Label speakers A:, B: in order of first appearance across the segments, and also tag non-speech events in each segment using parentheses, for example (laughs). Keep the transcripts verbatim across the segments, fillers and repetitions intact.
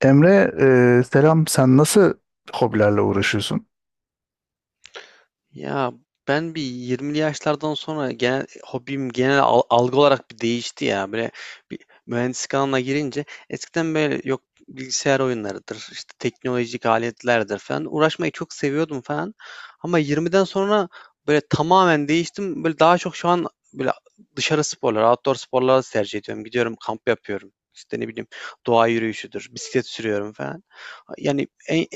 A: Emre, e, selam. Sen nasıl hobilerle uğraşıyorsun?
B: Ya ben bir yirmili yaşlardan sonra genel hobim genel al- algı olarak bir değişti ya. Böyle bir mühendislik alanına girince eskiden böyle yok, bilgisayar oyunlarıdır, işte teknolojik aletlerdir falan, uğraşmayı çok seviyordum falan. Ama yirmiden sonra böyle tamamen değiştim. Böyle daha çok şu an böyle dışarı sporları, outdoor sporları tercih ediyorum. Gidiyorum, kamp yapıyorum. İşte ne bileyim, doğa yürüyüşüdür, bisiklet sürüyorum falan. Yani en,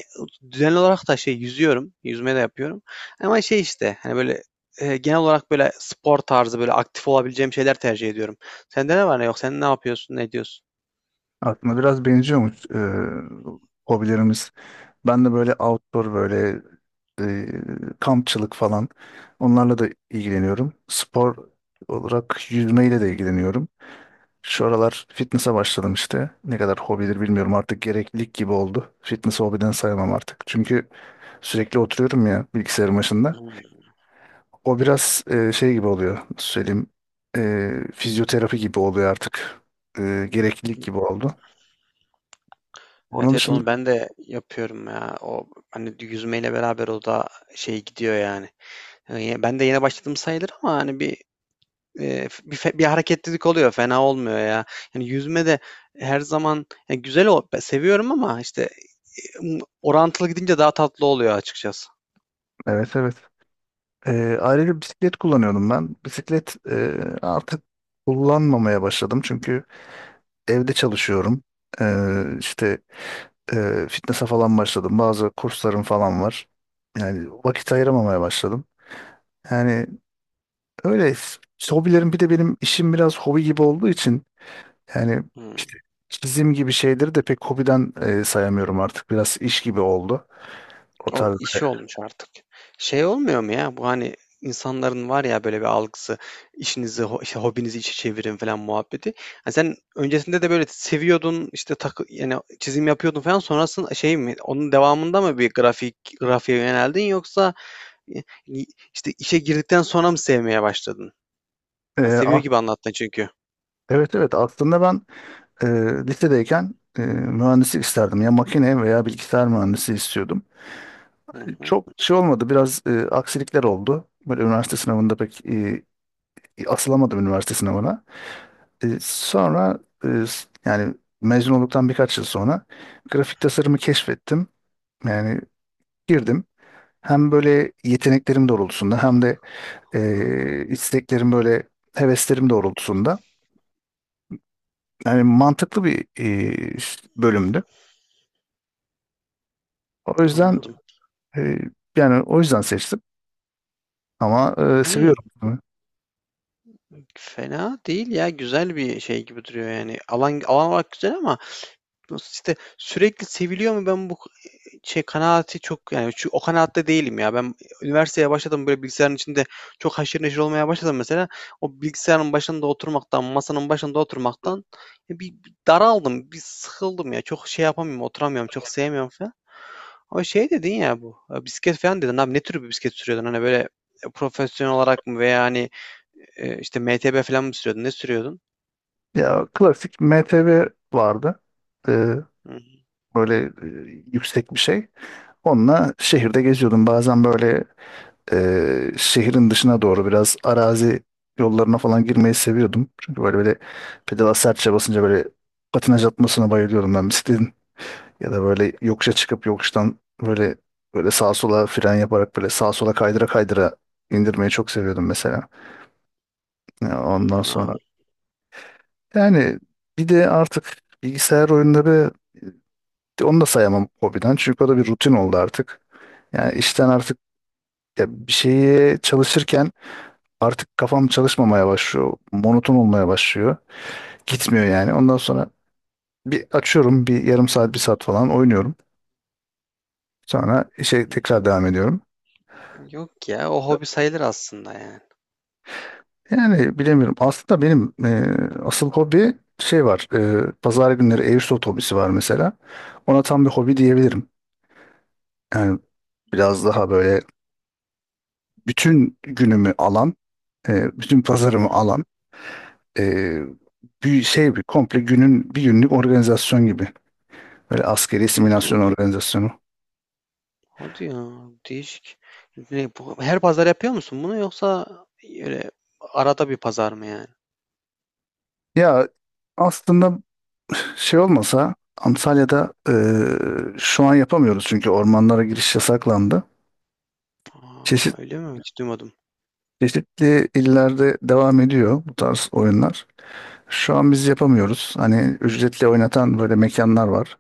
B: düzenli olarak da şey yüzüyorum, yüzme de yapıyorum. Ama şey işte, hani, böyle, eee, genel olarak, böyle, spor tarzı, böyle, aktif olabileceğim şeyler tercih ediyorum. Sende ne var ne yok? Sen ne yapıyorsun, ne ediyorsun?
A: Aklına biraz benziyormuş e, hobilerimiz. Ben de böyle outdoor böyle e, kampçılık falan. Onlarla da ilgileniyorum. Spor olarak yüzmeyle de ilgileniyorum. Şu aralar fitness'a başladım işte. Ne kadar hobidir bilmiyorum, artık gereklilik gibi oldu. Fitness hobiden sayamam artık. Çünkü sürekli oturuyorum ya bilgisayarın başında.
B: Hımm.
A: O biraz e, şey gibi oluyor. Nasıl söyleyeyim? E, fizyoterapi gibi oluyor artık. E, gereklilik gibi oldu. Onun
B: Evet, evet,
A: dışında
B: onu ben de yapıyorum ya. O, hani, yüzmeyle beraber o da şey gidiyor yani. Hani, ben de yeni başladım sayılır ama, hani, bir Eee, bir fe bir hareketlilik oluyor, fena olmuyor ya. Yani yüzme de her zaman ya güzel o be seviyorum ama işte, eee, ımm, orantılı gidince daha tatlı oluyor açıkçası.
A: evet, evet. E, ayrıca bisiklet kullanıyordum ben. Bisiklet e, artık kullanmamaya başladım. Çünkü evde çalışıyorum. E, işte e, fitness'a falan başladım. Bazı kurslarım falan var. Yani vakit ayıramamaya başladım. Yani öyle hobilerim, bir de benim işim biraz hobi gibi olduğu için. Yani
B: Hıı.
A: işte çizim gibi şeyleri de pek hobiden e, sayamıyorum artık. Biraz iş gibi oldu. O
B: O
A: tarz
B: işi
A: böyle.
B: olmuş artık. Şey olmuyor mu ya? Bu, hani, insanların var ya böyle bir algısı, işinizi, ho- işte hobinizi işe çevirin falan muhabbeti. Ha sen öncesinde de böyle seviyordun, işte takı yani çizim yapıyordun falan. Sonrasında şey mi? Onun devamında mı bir grafik grafiğe yöneldin yoksa e, işte işe girdikten sonra mı sevmeye başladın?
A: E,
B: Ha, seviyor
A: a-
B: gibi anlattın çünkü.
A: evet, evet, aslında ben e, lisedeyken e, mühendislik isterdim. Ya makine veya bilgisayar mühendisi istiyordum.
B: Hı
A: E,
B: hı.
A: Çok şey olmadı. Biraz e, aksilikler oldu. Böyle üniversite sınavında pek e, asılamadım üniversite sınavına. E, sonra e, s- yani mezun olduktan birkaç yıl sonra grafik tasarımı keşfettim. Yani girdim. Hem böyle yeteneklerim doğrultusunda hem de e, isteklerim böyle heveslerim doğrultusunda. Yani mantıklı bir e, bölümdü. O yüzden
B: Anladım.
A: e, yani o yüzden seçtim, ama e,
B: Hani
A: seviyorum bunu.
B: fena değil ya, güzel bir şey gibi duruyor yani. Alan alan olarak güzel ama nasıl işte sürekli seviliyor mu, ben bu şey kanaati çok, yani şu, o kanaatte değilim ya. Ben üniversiteye başladım, böyle bilgisayarın içinde çok haşır neşir olmaya başladım mesela. O bilgisayarın başında oturmaktan, masanın başında oturmaktan e, bir, bir daraldım, bir sıkıldım ya. Çok şey yapamıyorum, oturamıyorum, çok sevmiyorum falan. Ama şey dedin ya bu, eee, bisiklet falan dedin abi. Ne tür bir bisiklet sürüyordun? Hani böyle, eee, profesyonel olarak mı veya hani, eee, işte, M T B falan mı sürüyordun? Ne sürüyordun?
A: Ya klasik M T V vardı. E,
B: Hı
A: Böyle e, yüksek bir şey. Onunla şehirde geziyordum. Bazen böyle e, şehrin dışına doğru biraz arazi yollarına falan girmeyi seviyordum. Çünkü böyle böyle pedala sertçe basınca böyle patinaj atmasına bayılıyordum ben bisikletin. Ya da böyle yokuşa çıkıp yokuştan böyle böyle sağa sola fren yaparak böyle sağa sola kaydıra kaydıra indirmeyi çok seviyordum mesela. Ya ondan
B: hı.
A: sonra yani bir de artık bilgisayar oyunları onu da sayamam hobiden, çünkü o da bir rutin oldu artık. Yani işten artık ya bir şeye çalışırken artık kafam çalışmamaya başlıyor. Monoton olmaya başlıyor. Gitmiyor yani. Ondan sonra bir açıyorum, bir yarım saat bir saat falan oynuyorum. Sonra işe tekrar devam ediyorum.
B: Yok ya, o hobi sayılır aslında yani.
A: Yani bilemiyorum. Aslında benim e, asıl hobi şey var. E, pazar günleri Airsoft hobisi var mesela. Ona tam bir hobi diyebilirim. Yani biraz daha böyle bütün günümü alan, e, bütün
B: Hı
A: pazarımı
B: hı.
A: alan, e, bir şey, bir komple günün bir günlük organizasyon gibi. Böyle askeri
B: Hadi
A: simülasyon
B: ya,
A: organizasyonu.
B: hadi ya, değişik. Ne bu, her pazar yapıyor musun bunu yoksa, e, öyle arada bir pazar mı yani?
A: Ya aslında şey olmasa Antalya'da e, şu an yapamıyoruz, çünkü ormanlara giriş yasaklandı.
B: A!
A: Çeşitli
B: Öyle mi? Hiç duymadım.
A: Çeşitli illerde devam ediyor bu tarz oyunlar. Şu an biz yapamıyoruz. Hani ücretli oynatan böyle mekanlar var.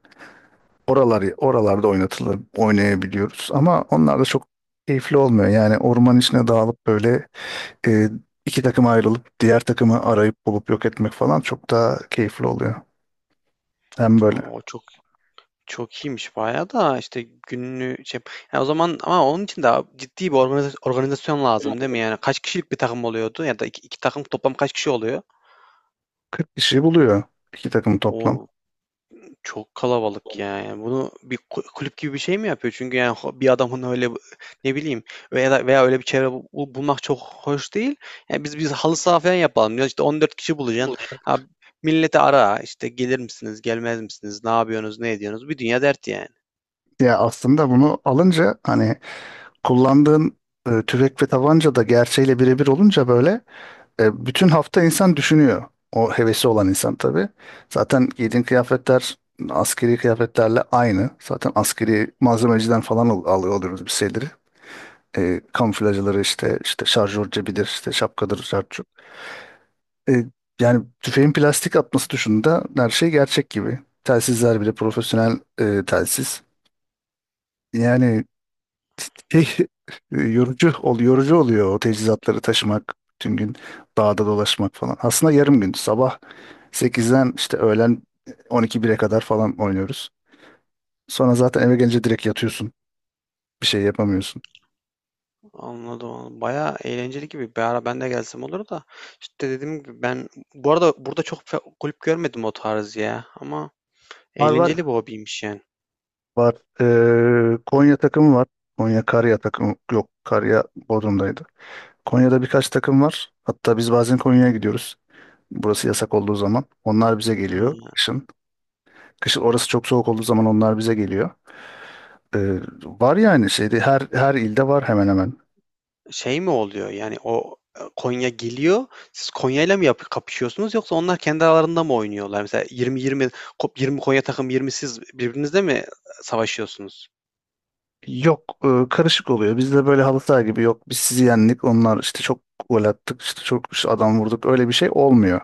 A: Oralar, oralarda oynatılır, oynayabiliyoruz. Ama onlar da çok keyifli olmuyor. Yani orman içine dağılıp böyle e, iki takıma ayrılıp diğer takımı arayıp bulup yok etmek falan çok daha keyifli oluyor. Hem böyle
B: A! O çok Çok iyiymiş bayağı da, işte gününü şey. Ya o zaman ama onun için de ciddi bir organiza- organizasyon lazım değil mi? Yani kaç kişilik bir takım oluyordu ya da iki, iki takım toplam kaç kişi oluyor?
A: kırk kişi buluyor, iki takım toplam.
B: O çok kalabalık ya. Yani bunu bir ku- kulüp gibi bir şey mi yapıyor? Çünkü yani ho- bir adamın öyle, ne bileyim, veya da- veya öyle bir çevre bu- bu- bulmak çok hoş değil. Yani biz biz halı saha falan yapalım diyor. İşte on dört kişi bulacaksın. Ha, milleti ara işte, gelir misiniz, gelmez misiniz, ne yapıyorsunuz, ne ediyorsunuz? Bir dünya dert yani.
A: Ya aslında bunu alınca hani kullandığın e, tüfek ve tabanca da gerçeğiyle birebir olunca böyle. E, bütün hafta insan düşünüyor. O hevesi olan insan tabii. Zaten giydiğin kıyafetler askeri kıyafetlerle aynı. Zaten askeri malzemeciden falan al- alıyor oluyoruz bir şeyleri. E, kamuflajları işte işte şarjör cebidir, işte şapkadır, şarjör. E, Yani tüfeğin plastik atması dışında her şey gerçek gibi. Telsizler bile profesyonel e, telsiz. Yani şey, (laughs) yorucu ol, yorucu oluyor o teçhizatları taşımak, bütün gün dağda dolaşmak falan. Aslında yarım gün. Sabah sekizden işte öğlen e, on iki bire kadar falan oynuyoruz. Sonra zaten eve gelince direkt yatıyorsun. Bir şey yapamıyorsun.
B: Anladım, anladım. Bayağı eğlenceli gibi. Bir ara ben de gelsem olur da. İşte dediğim gibi, ben bu arada burada çok fe- kulüp görmedim o tarz ya. Ama
A: Var, var.
B: eğlenceli bir hobiymiş yani.
A: Var. Ee, Konya takımı var. Konya Karya takımı yok. Karya Bodrum'daydı. Konya'da birkaç takım var. Hatta biz bazen Konya'ya gidiyoruz. Burası yasak olduğu zaman. Onlar bize
B: Ha,
A: geliyor kışın. Kışın orası çok soğuk olduğu zaman onlar bize geliyor. Ee, var yani şeyde her her ilde var hemen hemen.
B: şey mi oluyor yani o, e, Konya geliyor. Siz Konya'yla mı yap kapışıyorsunuz yoksa onlar kendi aralarında mı oynuyorlar? Mesela yirmi yirmi, kop- yirmi Konya takım, yirmi siz, birbirinizle mi savaşıyorsunuz?
A: Yok, e, karışık oluyor. Bizde böyle halı saha gibi yok. Biz sizi yendik. Onlar işte çok gol attık. İşte çok işte adam vurduk. Öyle bir şey olmuyor.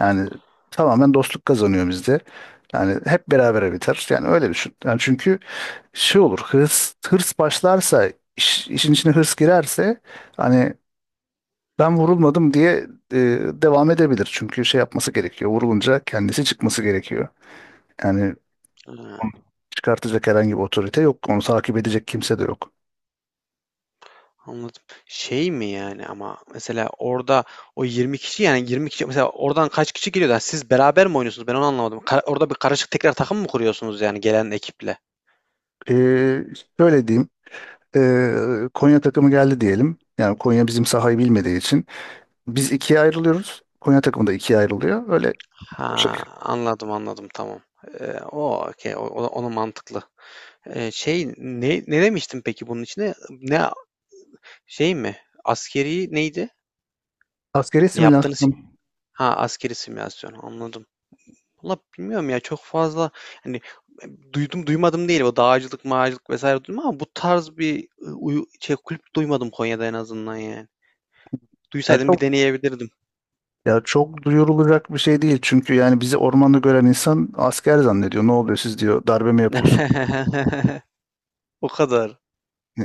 A: Yani tamamen dostluk kazanıyor bizde. Yani hep berabere biter. Yani öyle düşün. Yani çünkü şey olur. Hırs hırs başlarsa iş- işin içine hırs girerse hani ben vurulmadım diye e, devam edebilir. Çünkü şey yapması gerekiyor. Vurulunca kendisi çıkması gerekiyor. Yani
B: Ha.
A: çıkartacak herhangi bir otorite yok. Onu takip edecek kimse de yok.
B: Anladım. Şey mi yani, ama mesela orada o yirmi kişi yani yirmi kişi, mesela oradan kaç kişi geliyor da siz beraber mi oynuyorsunuz? Ben onu anlamadım. Ka- orada bir karışık tekrar takım mı kuruyorsunuz yani gelen ekiple?
A: Ee, Şöyle diyeyim. Ee, Konya takımı geldi diyelim. Yani Konya bizim sahayı bilmediği için. Biz ikiye ayrılıyoruz. Konya takımı da ikiye ayrılıyor. Öyle
B: Ha, anladım, anladım, tamam. Ee, o okey, o, o- onu mantıklı. Ee, şey ne ne demiştim peki bunun içine? Ne, şey mi? Askeri neydi?
A: askeri
B: Ne yaptığınız?
A: simülasyon.
B: Ha, askeri simülasyon, anladım. Valla bilmiyorum ya, çok fazla hani, e, duydum duymadım değil, o dağcılık mağacılık vesaire duydum ama bu tarz bir e, uyu, şey kulüp duymadım Konya'da, en azından yani.
A: Ya
B: Duysaydım bir
A: çok,
B: deneyebilirdim.
A: ya çok duyurulacak bir şey değil. Çünkü yani bizi ormanda gören insan asker zannediyor. Ne oluyor siz diyor. Darbe mi yapıyorsun?
B: (laughs) O kadar.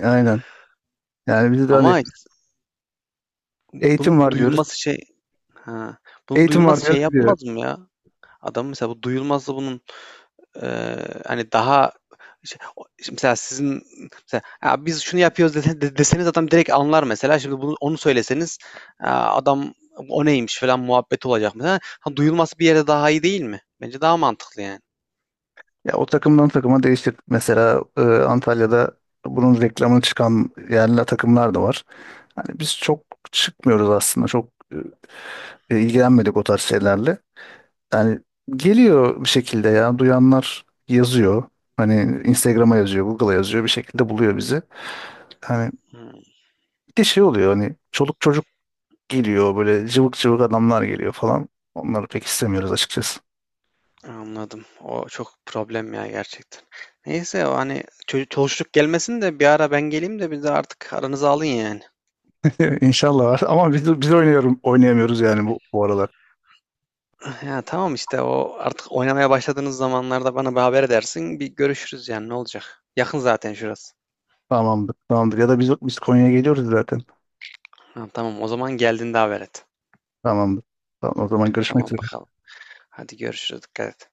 A: Aynen. Yani bizi de hani
B: Ama işte
A: eğitim
B: bunun
A: var diyoruz.
B: duyulması şey ha, bunun
A: Eğitim var
B: duyulması şey
A: diyoruz.
B: yapmaz mı ya? Adam mesela bu duyulması bunun Eee, hani, daha işte o işte mesela sizin mesela, "Ya, biz şunu yapıyoruz." dese de deseniz adam direkt anlar mesela. Şimdi bunu onu söyleseniz, aaa, adam "O neymiş?" falan muhabbet olacak mesela. Ha, duyulması bir yere daha iyi değil mi? Bence daha mantıklı yani.
A: Ya o takımdan takıma değişir. Mesela e, Antalya'da bunun reklamını çıkan yerli takımlar da var. Hani biz çok çıkmıyoruz aslında. Çok e, ilgilenmedik o tarz şeylerle. Yani geliyor bir şekilde, ya duyanlar yazıyor. Hani Instagram'a yazıyor, Google'a yazıyor, bir şekilde buluyor bizi. Hani
B: Hımm,
A: de şey oluyor hani çoluk çocuk geliyor, böyle cıvık cıvık adamlar geliyor falan. Onları pek istemiyoruz açıkçası.
B: anladım. O çok problem ya gerçekten. Neyse o, hani, ço çoluşluk gelmesin de bir ara ben geleyim de bir de artık aranıza alın yani.
A: (laughs) İnşallah var ama biz, biz oynuyorum, oynayamıyoruz yani bu, bu aralar.
B: Ya, tamam işte, o artık oynamaya başladığınız zamanlarda bana bir haber edersin, bir görüşürüz yani, ne olacak? Yakın zaten şurası.
A: Tamamdır, tamamdır. Ya da biz, biz Konya'ya geliyoruz zaten.
B: Ha, tamam, o zaman geldiğinde haber et.
A: Tamamdır. Tamam, o zaman görüşmek
B: Tamam
A: üzere.
B: bakalım. Hadi görüşürüz. Dikkat et.